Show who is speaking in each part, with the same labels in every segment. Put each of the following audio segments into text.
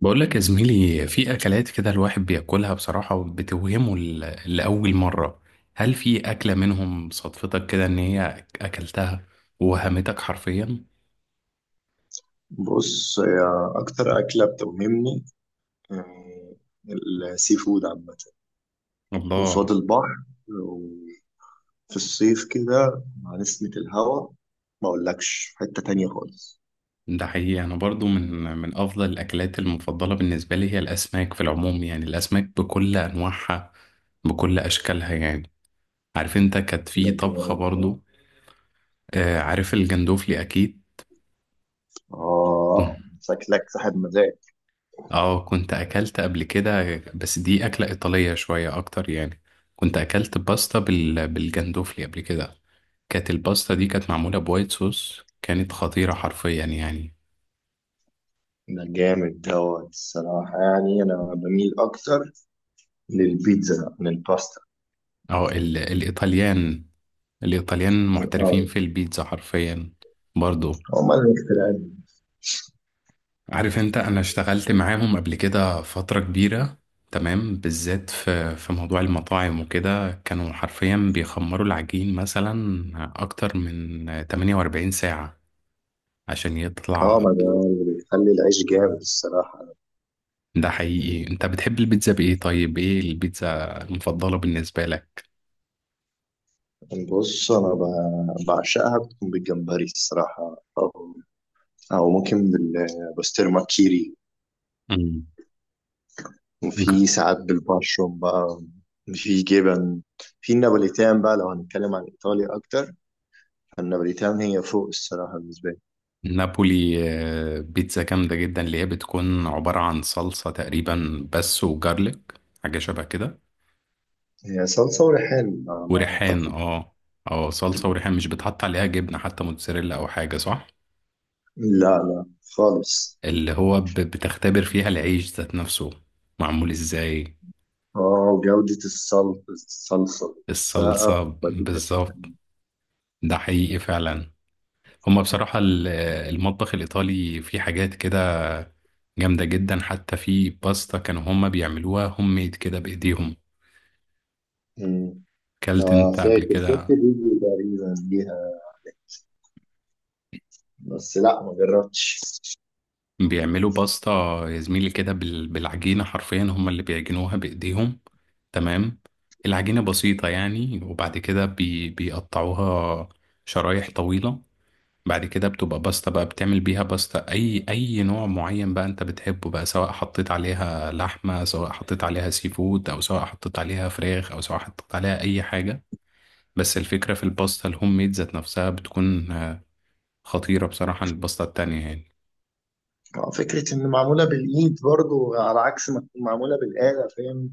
Speaker 1: بقول لك يا زميلي، في اكلات كده الواحد بياكلها بصراحة وبتوهمه لأول مرة. هل في اكلة منهم صدفتك كده ان هي اكلتها ووهمتك حرفيا؟
Speaker 2: بص هي أكتر أكلة بتوهمني، آه، السي فود عامة، قصاد
Speaker 1: الله.
Speaker 2: البحر وفي الصيف كده مع نسمة الهوا ما أقولكش في حتة تانية خالص.
Speaker 1: ده حقيقي، انا برضو من افضل الاكلات المفضلة بالنسبة لي هي الاسماك في العموم، يعني الاسماك بكل انواعها بكل اشكالها يعني. عارف انت، كانت في طبخة برضو. آه، عارف الجندوفلي اكيد.
Speaker 2: آه شكلك صاحب مزاج.
Speaker 1: اه، كنت اكلت قبل كده بس دي اكلة ايطالية شوية اكتر يعني. كنت اكلت باستا بالجندوفلي قبل كده. كانت الباستا دي كانت معمولة بوايت صوص، كانت خطيرة حرفيا يعني.
Speaker 2: ده جامد دوت الصراحة، يعني أنا بميل أكتر للبيتزا من الباستا.
Speaker 1: اه، الايطاليان
Speaker 2: اه
Speaker 1: محترفين في البيتزا حرفيا. برضو.
Speaker 2: هما اللي مخترعين.
Speaker 1: عارف انت، انا اشتغلت معاهم قبل كده فترة كبيرة. تمام، بالذات في موضوع المطاعم وكده كانوا حرفيا بيخمروا العجين مثلا اكتر من 48 ساعة عشان
Speaker 2: اه
Speaker 1: يطلع.
Speaker 2: ما ده اللي بيخلي العيش جامد الصراحة.
Speaker 1: ده حقيقي، انت بتحب البيتزا بايه؟ طيب ايه البيتزا المفضلة بالنسبة لك؟
Speaker 2: بص أنا بعشقها، بتكون بالجمبري الصراحة، أو أو ممكن بالبسطرمة كيري،
Speaker 1: مم. ج-
Speaker 2: وفي ساعات بالبشروم بقى، في جبن، في النابوليتان بقى لو هنتكلم عن إيطاليا أكتر، فالنابوليتان هي فوق الصراحة بالنسبة لي.
Speaker 1: نابولي. بيتزا جامدة جدا اللي هي بتكون عبارة عن صلصة تقريبا بس وجارليك، حاجة شبه كده.
Speaker 2: هي صلصة وريحان على ما
Speaker 1: وريحان،
Speaker 2: أعتقد.
Speaker 1: اه. اه، صلصة وريحان، مش بتحط عليها جبنة حتى موتزاريلا او حاجة، صح؟
Speaker 2: لا لا خالص.
Speaker 1: اللي هو بتختبر فيها العيش ذات نفسه. معمول ازاي.
Speaker 2: اه وجودة الصلصة، الصلصة نفسها
Speaker 1: الصلصة
Speaker 2: بتوديك حتة
Speaker 1: بالظبط.
Speaker 2: تانية.
Speaker 1: ده حقيقي فعلا. هما بصراحة المطبخ الإيطالي فيه حاجات كده جامدة جدا، حتى في باستا كانوا هما بيعملوها هوم ميد كده بإيديهم.
Speaker 2: أمم.
Speaker 1: كلت
Speaker 2: آه
Speaker 1: أنت قبل
Speaker 2: فاكر شفت
Speaker 1: كده؟
Speaker 2: فيديو تقريبا ليها، بس لا ما جربتش.
Speaker 1: بيعملوا باستا. يا زميلي كده بالعجينة حرفيا هما اللي بيعجنوها بإيديهم. تمام. العجينة بسيطة يعني، وبعد كده بيقطعوها شرايح طويلة. بعد كده بتبقى باستا بقى، بتعمل بيها باستا اي نوع معين بقى انت بتحبه بقى، سواء حطيت عليها لحمة، سواء حطيت عليها سي فود، او سواء حطيت عليها فراخ، او سواء حطيت عليها اي حاجة. بس الفكرة في الباستا الهوم ميد ذات نفسها بتكون خطيرة بصراحة عن الباستا التانية يعني.
Speaker 2: آه، فكرة إن معمولة بالإيد برضو على عكس ما تكون معمولة بالآلة فاهم،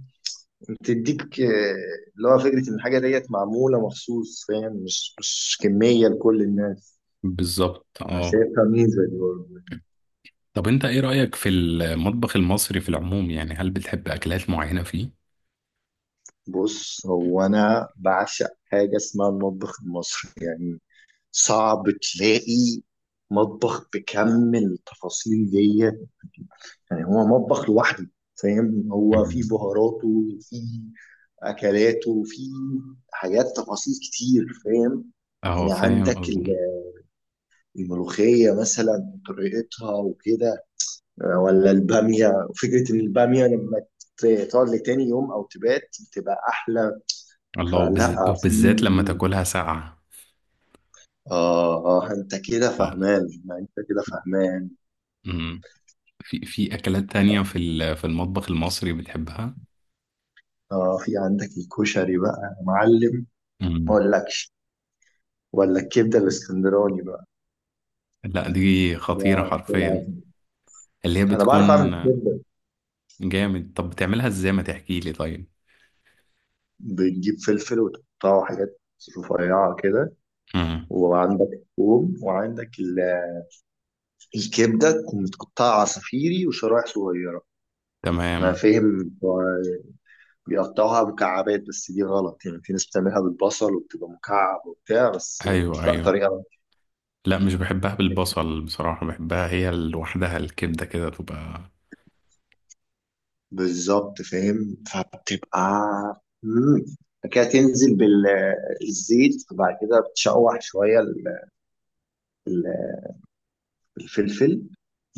Speaker 2: بتديك اللي هو فكرة إن الحاجة ديت معمولة مخصوص فاهم، مش كمية لكل الناس.
Speaker 1: بالظبط،
Speaker 2: أنا
Speaker 1: اه.
Speaker 2: شايفها ميزة دي برضو.
Speaker 1: طب انت ايه رأيك في المطبخ المصري في العموم يعني؟ هل بتحب اكلات معينة فيه؟
Speaker 2: بص هو انا بعشق حاجه اسمها المطبخ المصري، يعني صعب تلاقي مطبخ بكم التفاصيل ديت. يعني هو مطبخ لوحده فاهم، هو فيه
Speaker 1: مم.
Speaker 2: بهاراته وفيه اكلاته وفيه حاجات تفاصيل كتير فاهم.
Speaker 1: اه،
Speaker 2: يعني عندك
Speaker 1: فاهم.
Speaker 2: الملوخيه مثلا طريقتها وكده، ولا الباميه، فكره ان الباميه لما تقعد لتاني يوم او تبات بتبقى احلى.
Speaker 1: الله،
Speaker 2: فلا في
Speaker 1: وبالذات لما تاكلها ساقعة.
Speaker 2: آه آه أنت كده فهمان، ما أنت كده فهمان.
Speaker 1: اه، في أكلات تانية في المطبخ المصري بتحبها؟
Speaker 2: آه في عندك الكشري بقى يا معلم، ما
Speaker 1: مم.
Speaker 2: أقولكش، ولا الكبدة الإسكندراني بقى،
Speaker 1: لا، دي
Speaker 2: ده
Speaker 1: خطيرة
Speaker 2: في
Speaker 1: حرفيا.
Speaker 2: العظيم.
Speaker 1: اللي هي
Speaker 2: أنا
Speaker 1: بتكون.
Speaker 2: بعرف أعمل كبدة.
Speaker 1: جامد، طب بتعملها ازاي؟ ما تحكي لي طيب.
Speaker 2: بتجيب فلفل وتقطعه حاجات رفيعة كده،
Speaker 1: مم.
Speaker 2: وعندك ثوم، وعندك الكبدة تكون متقطعة عصافيري وشرايح صغيرة. أنا
Speaker 1: تمام.
Speaker 2: فاهم بتوع بيقطعوها مكعبات بس دي غلط، يعني في ناس بتعملها بالبصل وبتبقى مكعب وبتاع بس.
Speaker 1: ايوه،
Speaker 2: لا
Speaker 1: ايوه.
Speaker 2: طريقة
Speaker 1: لا، مش بحبها بالبصل بصراحة، بحبها هي لوحدها الكبدة كده تبقى.
Speaker 2: بالظبط فاهم، فبتبقى مم. كده تنزل بالزيت، وبعد كده بتشوح شوية ال- الفلفل،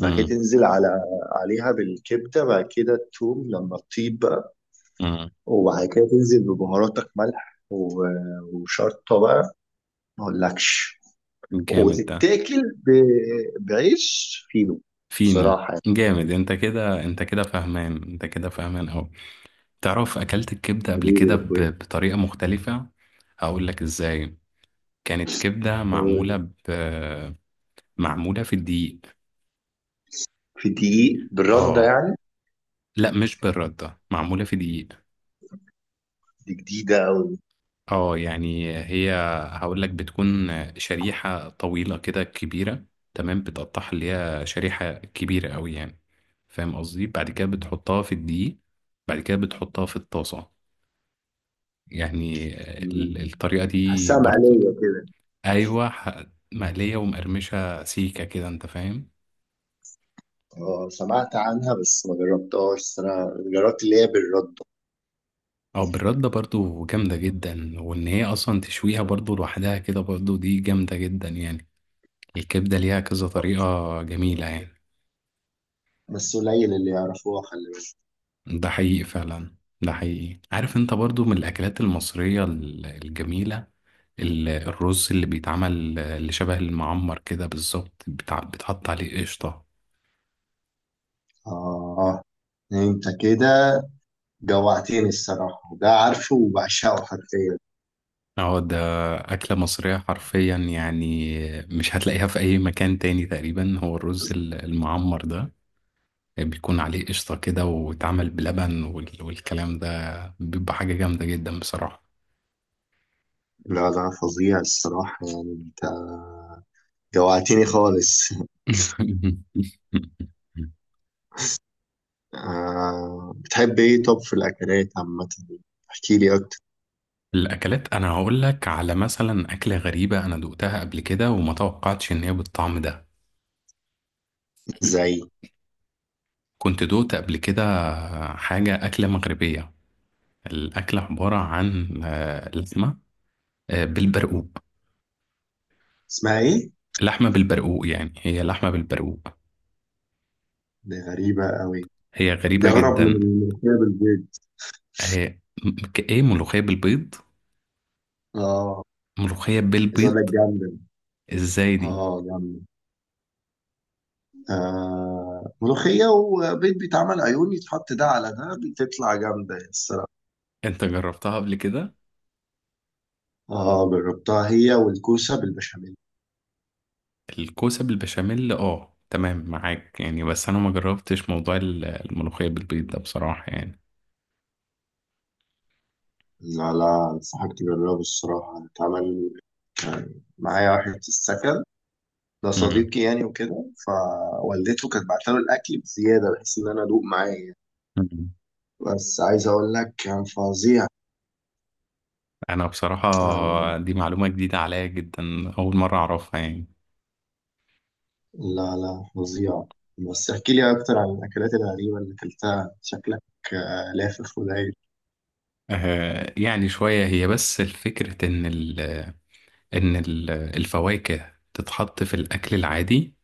Speaker 2: بعد كده تنزل على عليها بالكبدة، بعد كده التوم لما تطيب بقى،
Speaker 1: مم.
Speaker 2: وبعد كده تنزل ببهاراتك ملح وشطة بقى ما اقولكش،
Speaker 1: جامد ده.
Speaker 2: وتتاكل بعيش فينو
Speaker 1: فينو.
Speaker 2: صراحة يعني.
Speaker 1: جامد، انت كده فاهمان، انت كده فاهمان اوي. تعرف، اكلت الكبدة قبل
Speaker 2: حبيبي
Speaker 1: كده
Speaker 2: يا اخويا.
Speaker 1: بطريقة مختلفة. هقول لك ازاي. كانت كبدة معمولة معمولة في الدقيق.
Speaker 2: في دقيق بالردة
Speaker 1: اه.
Speaker 2: يعني؟
Speaker 1: لا، مش بالردة، معمولة في دقيق.
Speaker 2: دي جديدة
Speaker 1: اه يعني هقول لك بتكون شريحة طويلة كده كبيرة. تمام، بتقطعها اللي هي شريحة كبيرة قوي يعني، فاهم قصدي، بعد كده بتحطها في الدقيق. بعد كده بتحطها في الطاسة يعني،
Speaker 2: أوي،
Speaker 1: الطريقة دي
Speaker 2: تحسها
Speaker 1: برضو.
Speaker 2: مقلية كده.
Speaker 1: ايوه، مقلية ومقرمشة سيكة كده، انت فاهم.
Speaker 2: اه سمعت عنها بس ما جربتهاش، بس انا جربت اللي هي بالرد.
Speaker 1: او بالردة برضو جامدة جدا، وان هي اصلا تشويها برضو لوحدها كده برضو دي جامدة جدا يعني. الكبدة ليها كذا طريقة جميلة يعني.
Speaker 2: بس قليل اللي يعرفوها خلي بالك.
Speaker 1: ده حقيقي فعلا. ده حقيقي، عارف انت برضو، من الاكلات المصرية الجميلة، الرز اللي بيتعمل اللي شبه المعمر كده بالظبط، بتحط عليه قشطة.
Speaker 2: اه انت كده جوعتني الصراحة، ده عارفه وبعشقه حرفيا.
Speaker 1: اه، ده أكلة مصرية حرفيا يعني، مش هتلاقيها في أي مكان تاني تقريبا، هو الرز المعمر ده بيكون عليه قشطة كده واتعمل بلبن والكلام ده بيبقى حاجة جامدة جدا بصراحة.
Speaker 2: لا ده فظيع الصراحة يعني، انت جوعتني خالص. آه بتحب ايه طب في الاكلات عامة، احكي لي اكتر.
Speaker 1: الأكلات، أنا هقول لك على مثلا أكلة غريبة أنا دقتها قبل كده وما توقعتش إن هي بالطعم ده.
Speaker 2: زي
Speaker 1: كنت دوقت قبل كده حاجة أكلة مغربية. الأكلة عبارة عن لحمة بالبرقوق.
Speaker 2: اسمها ايه؟
Speaker 1: لحمة بالبرقوق، يعني هي لحمة بالبرقوق.
Speaker 2: دي غريبة قوي.
Speaker 1: هي
Speaker 2: دي
Speaker 1: غريبة
Speaker 2: اغرب من
Speaker 1: جدا.
Speaker 2: الملوخية بالبيض.
Speaker 1: هي كإيه ملوخية بالبيض؟
Speaker 2: اه
Speaker 1: ملوخية
Speaker 2: عايز اقول
Speaker 1: بالبيض.
Speaker 2: لك جامدة.
Speaker 1: ازاي دي؟
Speaker 2: اه جامد. آه ملوخية وبيض بيتعمل عيون يتحط ده على ده بتطلع جامدة الصراحة.
Speaker 1: انت جربتها قبل كده؟
Speaker 2: اه جربتها هي والكوسة بالبشاميل.
Speaker 1: الكوسة بالبشاميل، اه تمام معاك يعني، بس انا ما جربتش موضوع الملوخية بالبيض ده بصراحة يعني.
Speaker 2: لا لا انصحك تجربه الصراحة. اتعمل كان معايا واحد في السكن ده
Speaker 1: مم.
Speaker 2: صديقي يعني وكده، فوالدته كانت بعتله الأكل بزيادة بحيث إن أنا أدوق معايا.
Speaker 1: مم.
Speaker 2: بس عايز أقول لك كان فظيع.
Speaker 1: انا بصراحة،
Speaker 2: آه
Speaker 1: دي معلومة جديدة عليا جدا. اول مرة اعرفها يعني.
Speaker 2: لا لا فظيع. بس احكي لي أكتر عن الأكلات الغريبة اللي أكلتها شكلك لافف ولايق.
Speaker 1: آه يعني شوية هي، بس الفكرة ان ال الفواكه تتحط في الاكل العادي.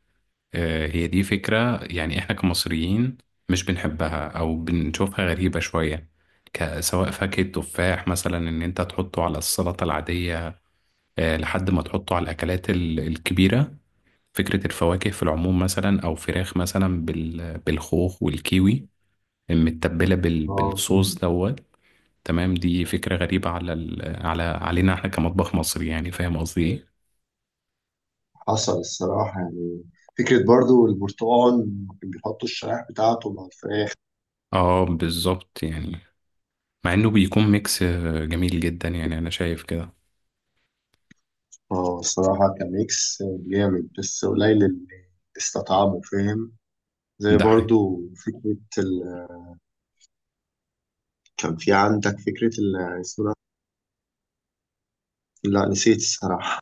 Speaker 1: هي دي فكرة، يعني احنا كمصريين مش بنحبها او بنشوفها غريبة شوية. سواء فاكهة تفاح مثلا ان انت تحطه على السلطة العادية، لحد ما تحطه على الاكلات الكبيرة. فكرة الفواكه في العموم مثلا، او فراخ مثلا بالخوخ والكيوي متبلة
Speaker 2: اه
Speaker 1: بالصوص دوت. تمام، دي فكرة غريبة على علينا احنا كمطبخ مصري يعني، فاهم قصدي ايه؟
Speaker 2: حصل الصراحة يعني، فكرة برضو البرتقال كان بيحطوا الشرايح بتاعته مع الفراخ.
Speaker 1: اه، بالظبط يعني. مع انه بيكون ميكس جميل جدا يعني، انا شايف كده.
Speaker 2: اه الصراحة كان ميكس جامد، بس قليل اللي استطعمه فاهم. زي
Speaker 1: ده حاجة.
Speaker 2: برضو فكرة ال... كان في عندك فكرة ال... اسمه ده؟ لا نسيت الصراحة،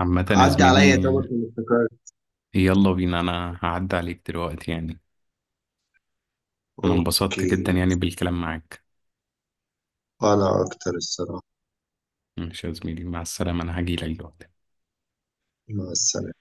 Speaker 1: عامة يا
Speaker 2: عدي عليا
Speaker 1: زميلي،
Speaker 2: طبعا كنت افتكرت.
Speaker 1: يلا بينا، انا هعدي عليك دلوقتي يعني. انا انبسطت
Speaker 2: اوكي
Speaker 1: جدا يعني بالكلام معاك.
Speaker 2: انا اكتر الصراحة.
Speaker 1: ماشي يا زميلي، مع السلامة، انا هجيلك دلوقتي.
Speaker 2: مع السلامة.